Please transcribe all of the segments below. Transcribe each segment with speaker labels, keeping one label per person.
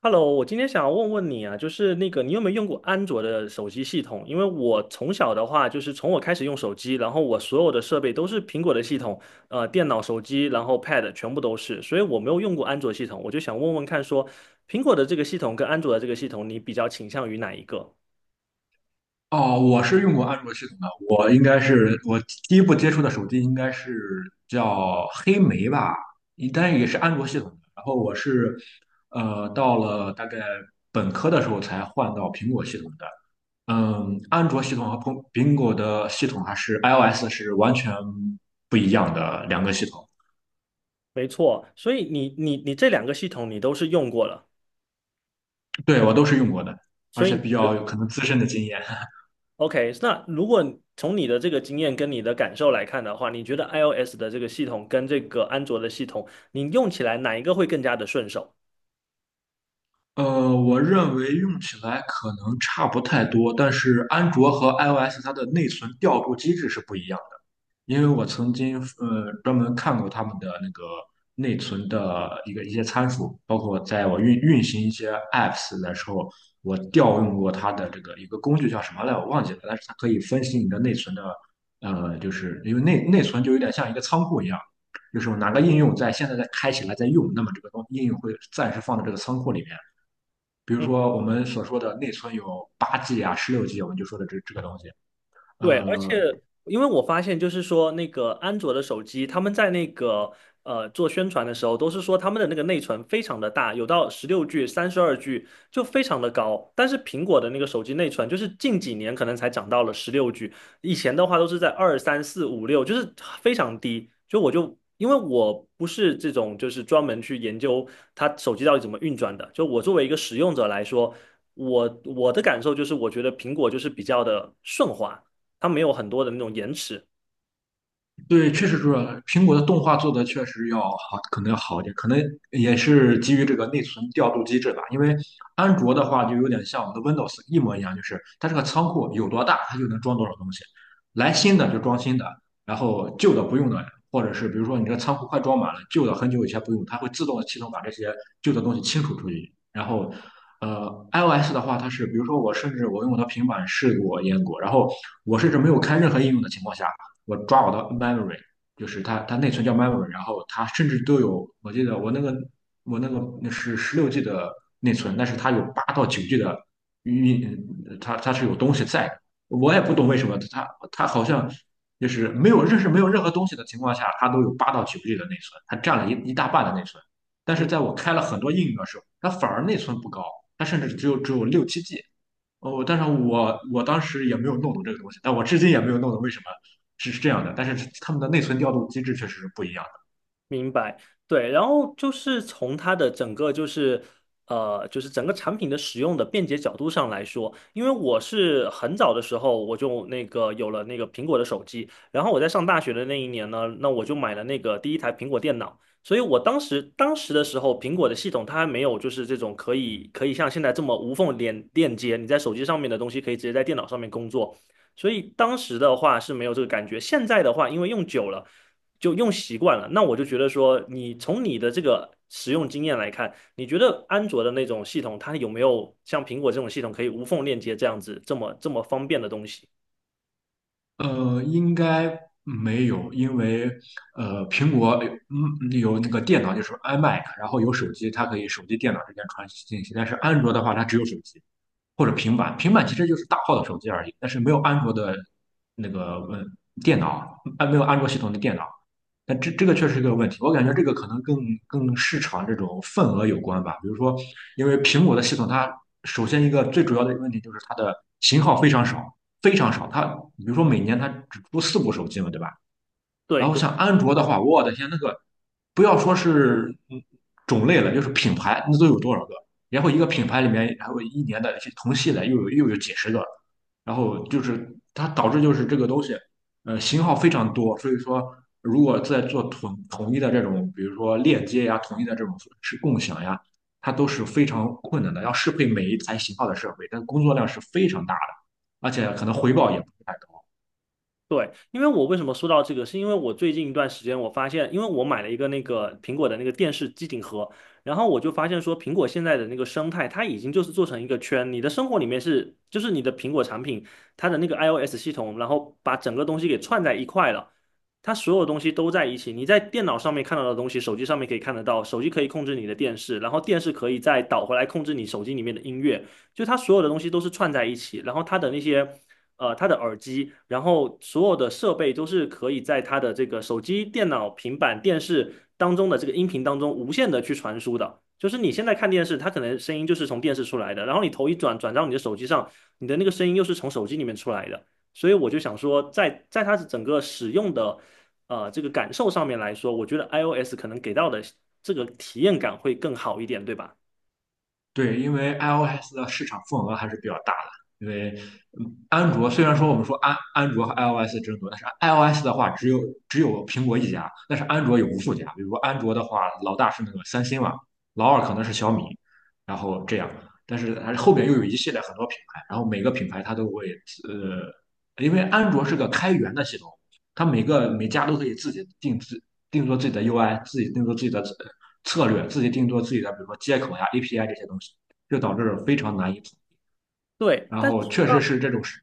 Speaker 1: Hello，我今天想要问问你啊，就是那个你有没有用过安卓的手机系统？因为我从小的话，就是从我开始用手机，然后我所有的设备都是苹果的系统，电脑、手机，然后 Pad 全部都是，所以我没有用过安卓系统。我就想问问看说，苹果的这个系统跟安卓的这个系统，你比较倾向于哪一个？
Speaker 2: 哦，我是用过安卓系统的，我应该是第一部接触的手机应该是叫黑莓吧，但是也是安卓系统的。然后我是到了大概本科的时候才换到苹果系统的。嗯，安卓系统和苹果的系统还是 iOS 是完全不一样的两个系统。
Speaker 1: 没错，所以你这两个系统你都是用过了，
Speaker 2: 对，我都是用过的，而
Speaker 1: 所以
Speaker 2: 且
Speaker 1: 你
Speaker 2: 比
Speaker 1: 觉
Speaker 2: 较有可能资深的经验。
Speaker 1: OK，那如果从你的这个经验跟你的感受来看的话，你觉得 iOS 的这个系统跟这个安卓的系统，你用起来哪一个会更加的顺手？
Speaker 2: 我认为用起来可能差不太多，但是安卓和 iOS 它的内存调度机制是不一样的。因为我曾经专门看过他们的那个内存的一些参数，包括在我运行一些 apps 的时候，我调用过它的这个一个工具叫什么来，我忘记了，但是它可以分析你的内存的。就是因为内存就有点像一个仓库一样，就是哪个应用在现在在开起来在用，那么这个应用会暂时放在这个仓库里面。比如
Speaker 1: 嗯。
Speaker 2: 说我们所说的内存有八 G 啊、十六 G,我们就说的这个东西。
Speaker 1: 对，而且
Speaker 2: 呃，
Speaker 1: 因为我发现，就是说那个安卓的手机，他们在那个做宣传的时候，都是说他们的那个内存非常的大，有到十六 G、32G，就非常的高。但是苹果的那个手机内存，就是近几年可能才涨到了十六 G，以前的话都是在二、三、四、五、六，就是非常低。就我就因为我不是这种就是专门去研究它手机到底怎么运转的，就我作为一个使用者来说。我的感受就是，我觉得苹果就是比较的顺滑，它没有很多的那种延迟。
Speaker 2: 对，确实是苹果的动画做的确实要好，可能要好一点，可能也是基于这个内存调度机制吧。因为安卓的话就有点像我们的 Windows 一模一样，就是它这个仓库有多大，它就能装多少东西，来新的就装新的，然后旧的不用的，或者是比如说你这个仓库快装满了，旧的很久以前不用，它会自动系统把这些旧的东西清除出去。然后，iOS 的话，它是比如说我甚至我用我的平板试过阉割，然后我甚至没有开任何应用的情况下。我抓我的 memory,就是它内存叫 memory,然后它甚至都有，我记得我那个那是十六 G 的内存，但是它有八到九 G 的运，它是有东西在的。我也不懂为什么它好像就是没有认识没有任何东西的情况下，它都有八到九 G 的内存，它占了一大半的内存。但是
Speaker 1: 嗯，
Speaker 2: 在我开了很多应用的时候，它反而内存不高，它甚至只有六七 G。哦，但是我当时也没有弄懂这个东西，但我至今也没有弄懂为什么是这样的，但是他们的内存调度机制确实是不一样
Speaker 1: 明白，对，然后就是从它的整个就是就是整个产品的使用的便捷角度上来说，因为我是很早的时候我就那个有了那个苹果的手机，然后我在上大学的那一年呢，那我就买了那个第一台苹果电脑，所以我当时的时候，苹果的系统它还没有就是这种可以像现在这么无缝连链接，你在手机上面的东西可以直接在电脑上面工作，所以当时的话是没有这个感觉，现在的话因为用久了。就用习惯了。那我就觉得说，你从你的这个使用经验来看，你觉得安卓的那种系统，它有没有像苹果这种系统可以无缝链接这样子这么方便的东西？
Speaker 2: 的。应该没有，因为苹果有有那个电脑就是 iMac,然后有手机，它可以手机电脑之间传信息，但是安卓的话它只有手机。或者平板，平板其实就是大号的手机而已，但是没有安卓的那个电脑，啊没有安卓系统的电脑，那这个确实是个问题。我感觉这个可能更市场这种份额有关吧。比如说，因为苹果的系统，它首先一个最主要的问题就是它的型号非常少，非常少。它比如说每年它只出四部手机嘛，对吧？然
Speaker 1: 对
Speaker 2: 后
Speaker 1: 对。
Speaker 2: 像安卓的话，我的天，那个不要说是种类了，就是品牌，那都有多少个？然后一个品牌里面，还有一年的同系的又有几十个，然后就是它导致就是这个东西，型号非常多，所以说如果在做统一的这种，比如说链接呀、统一的这种是共享呀，它都是非常困难的，要适配每一台型号的设备，但工作量是非常大的，而且可能回报也不是太高。
Speaker 1: 对，因为我为什么说到这个，是因为我最近一段时间我发现，因为我买了一个那个苹果的那个电视机顶盒，然后我就发现说，苹果现在的那个生态，它已经就是做成一个圈，你的生活里面是，就是你的苹果产品，它的那个 iOS 系统，然后把整个东西给串在一块了，它所有东西都在一起，你在电脑上面看到的东西，手机上面可以看得到，手机可以控制你的电视，然后电视可以再导回来控制你手机里面的音乐，就它所有的东西都是串在一起，然后它的那些。它的耳机，然后所有的设备都是可以在它的这个手机、电脑、平板、电视当中的这个音频当中无限的去传输的。就是你现在看电视，它可能声音就是从电视出来的，然后你头一转到你的手机上，你的那个声音又是从手机里面出来的。所以我就想说在，在它整个使用的这个感受上面来说，我觉得 iOS 可能给到的这个体验感会更好一点，对吧？
Speaker 2: 对，因为 iOS 的市场份额还是比较大的。因为安卓虽然说我们说安卓和 iOS 争夺，但是 iOS 的话只有苹果一家，但是安卓有无数家。比如说安卓的话，老大是那个三星嘛，老二可能是小米，然后这样。但是还是后边又有一系列很多品牌，然后每个品牌它都会因为安卓是个开源的系统，它每家都可以自己定制定做自己的 UI,自己定做自己的策略，自己定做自己的，比如说接口呀、API 这些东西，就导致非常难以统一。
Speaker 1: 对，
Speaker 2: 然
Speaker 1: 但
Speaker 2: 后
Speaker 1: 是
Speaker 2: 确实是这种事，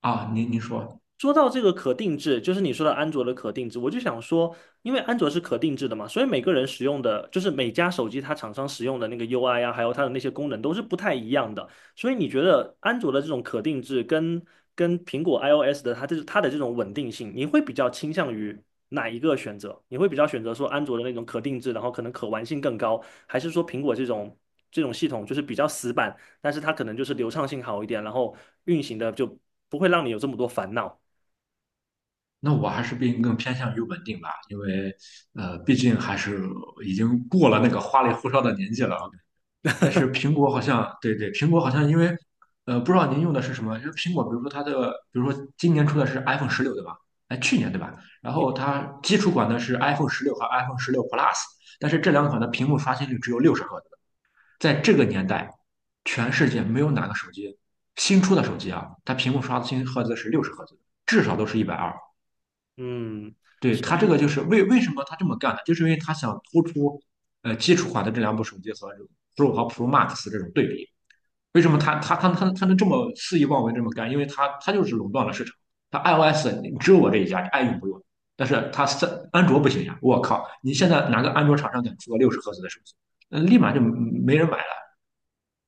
Speaker 2: 啊，您说，
Speaker 1: 说到这个可定制，就是你说的安卓的可定制，我就想说，因为安卓是可定制的嘛，所以每个人使用的，就是每家手机它厂商使用的那个 UI 啊，还有它的那些功能都是不太一样的。所以你觉得安卓的这种可定制跟跟苹果 iOS 的它的这种稳定性，你会比较倾向于哪一个选择？你会比较选择说安卓的那种可定制，然后可能可玩性更高，还是说苹果这种系统就是比较死板，但是它可能就是流畅性好一点，然后运行的就不会让你有这么多烦恼？
Speaker 2: 那我还是并更偏向于稳定吧，因为毕竟还是已经过了那个花里胡哨的年纪了啊。但是苹果好像，对对，苹果好像因为不知道您用的是什么，因为苹果，比如说它的，比如说今年出的是 iPhone 十六，对吧？哎，去年对吧？然后它基础款的是 iPhone 十六和 iPhone 十六 Plus,但是这两款的屏幕刷新率只有六十赫兹，在这个年代，全世界没有哪个手机新出的手机啊，它屏幕刷新赫兹是六十赫兹，至少都是120。
Speaker 1: 嗯，
Speaker 2: 对，
Speaker 1: 所
Speaker 2: 它这
Speaker 1: 以
Speaker 2: 个就是为什么它这么干呢？就是因为它想突出基础款的这两部手机和这种 Pro 和 Pro Max 这种对比。为什么它能这么肆意妄为这么干？因为它就是垄断了市场。它 iOS 你只有我这一家，你爱用不用。但是它安卓不行呀！我靠，你现在哪个安卓厂商敢出个六十赫兹的手机？嗯，立马就没人买。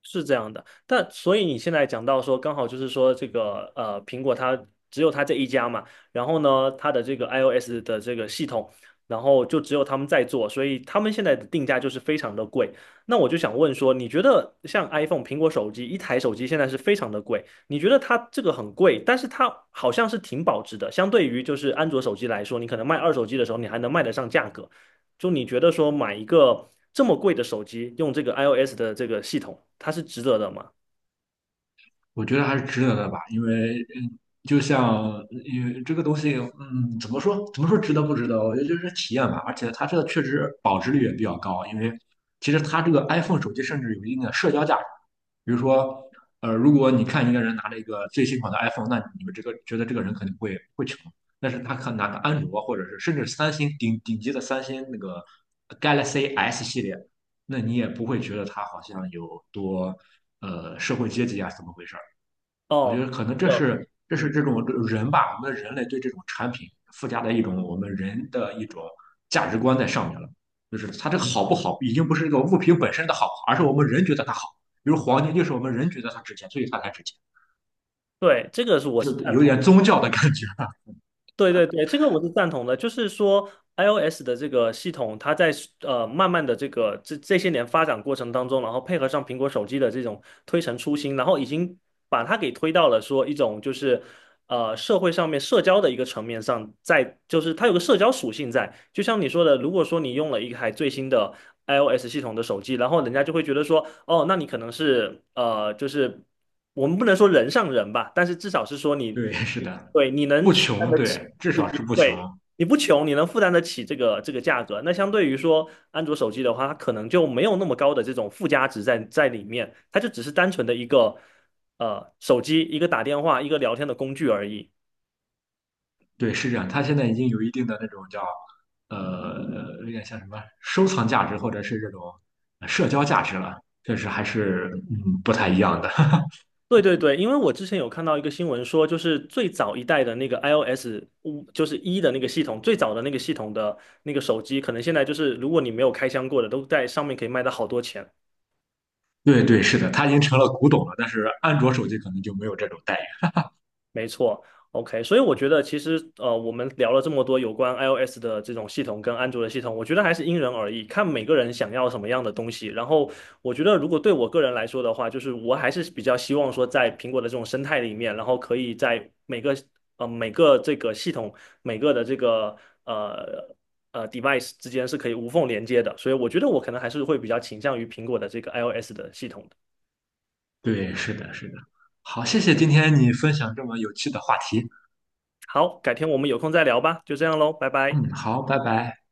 Speaker 1: 是这样的。但所以你现在讲到说，刚好就是说这个苹果它只有它这一家嘛，然后呢，它的这个 iOS 的这个系统，然后就只有他们在做，所以他们现在的定价就是非常的贵。那我就想问说，你觉得像 iPhone 苹果手机一台手机现在是非常的贵，你觉得它这个很贵，但是它好像是挺保值的，相对于就是安卓手机来说，你可能卖二手机的时候，你还能卖得上价格。就你觉得说买一个这么贵的手机，用这个 iOS 的这个系统，它是值得的吗？
Speaker 2: 我觉得还是值得的吧，因为就像因为这个东西，怎么说值得不值得？我觉得就是体验吧，而且它这个确实保值率也比较高，因为其实它这个 iPhone 手机甚至有一定的社交价值。比如说，如果你看一个人拿了一个最新款的 iPhone,那你们这个觉得这个人肯定会穷，但是他可拿个安卓或者是甚至三星顶级的三星那个 Galaxy S 系列，那你也不会觉得他好像有多社会阶级啊怎么回事。我觉
Speaker 1: 哦，
Speaker 2: 得可能
Speaker 1: 呃，
Speaker 2: 这是
Speaker 1: 嗯，
Speaker 2: 这种人吧，我们人类对这种产品附加的一种我们人的一种价值观在上面了。就是它这个好不好，已经不是这个物品本身的好，而是我们人觉得它好。比如黄金，就是我们人觉得它值钱，所以它才值钱，
Speaker 1: 对，这个是我
Speaker 2: 就
Speaker 1: 是赞
Speaker 2: 有
Speaker 1: 同。
Speaker 2: 点宗教的感觉。
Speaker 1: 对对对，这个我是赞同的。就是说，iOS 的这个系统，它在慢慢的这这些年发展过程当中，然后配合上苹果手机的这种推陈出新，然后已经把它给推到了说一种就是社会上面社交的一个层面上，在就是它有个社交属性在。就像你说的，如果说你用了一台最新的 iOS 系统的手机，然后人家就会觉得说，哦，那你可能是就是我们不能说人上人吧，但是至少是说 你。
Speaker 2: 对，是
Speaker 1: 你
Speaker 2: 的，
Speaker 1: 对，你能
Speaker 2: 不
Speaker 1: 负担
Speaker 2: 穷，
Speaker 1: 得起
Speaker 2: 对，至
Speaker 1: 你
Speaker 2: 少是
Speaker 1: 你
Speaker 2: 不穷。
Speaker 1: 对，你不穷，你能负担得起这个价格。那相对于说安卓手机的话，它可能就没有那么高的这种附加值在在里面，它就只是单纯的一个手机，一个打电话，一个聊天的工具而已。
Speaker 2: 对，是这样。它现在已经有一定的那种叫有点像什么收藏价值，或者是这种社交价值了，确实还是不太一样的。
Speaker 1: 对对对，因为我之前有看到一个新闻说，就是最早一代的那个 iOS 5，就是一的那个系统，最早的那个系统的那个手机，可能现在就是如果你没有开箱过的，都在上面可以卖到好多钱。
Speaker 2: 对对，是的，它已经成了古董了，但是安卓手机可能就没有这种待遇。
Speaker 1: 没错，OK，所以我觉得其实我们聊了这么多有关 iOS 的这种系统跟安卓的系统，我觉得还是因人而异，看每个人想要什么样的东西。然后我觉得，如果对我个人来说的话，就是我还是比较希望说，在苹果的这种生态里面，然后可以在每个每个这个系统每个的这个呃device 之间是可以无缝连接的。所以我觉得我可能还是会比较倾向于苹果的这个 iOS 的系统的
Speaker 2: 对，是的，是的。好，谢谢今天你分享这么有趣的话题。
Speaker 1: 好，改天我们有空再聊吧，就这样喽，拜拜。
Speaker 2: 嗯，好，拜拜。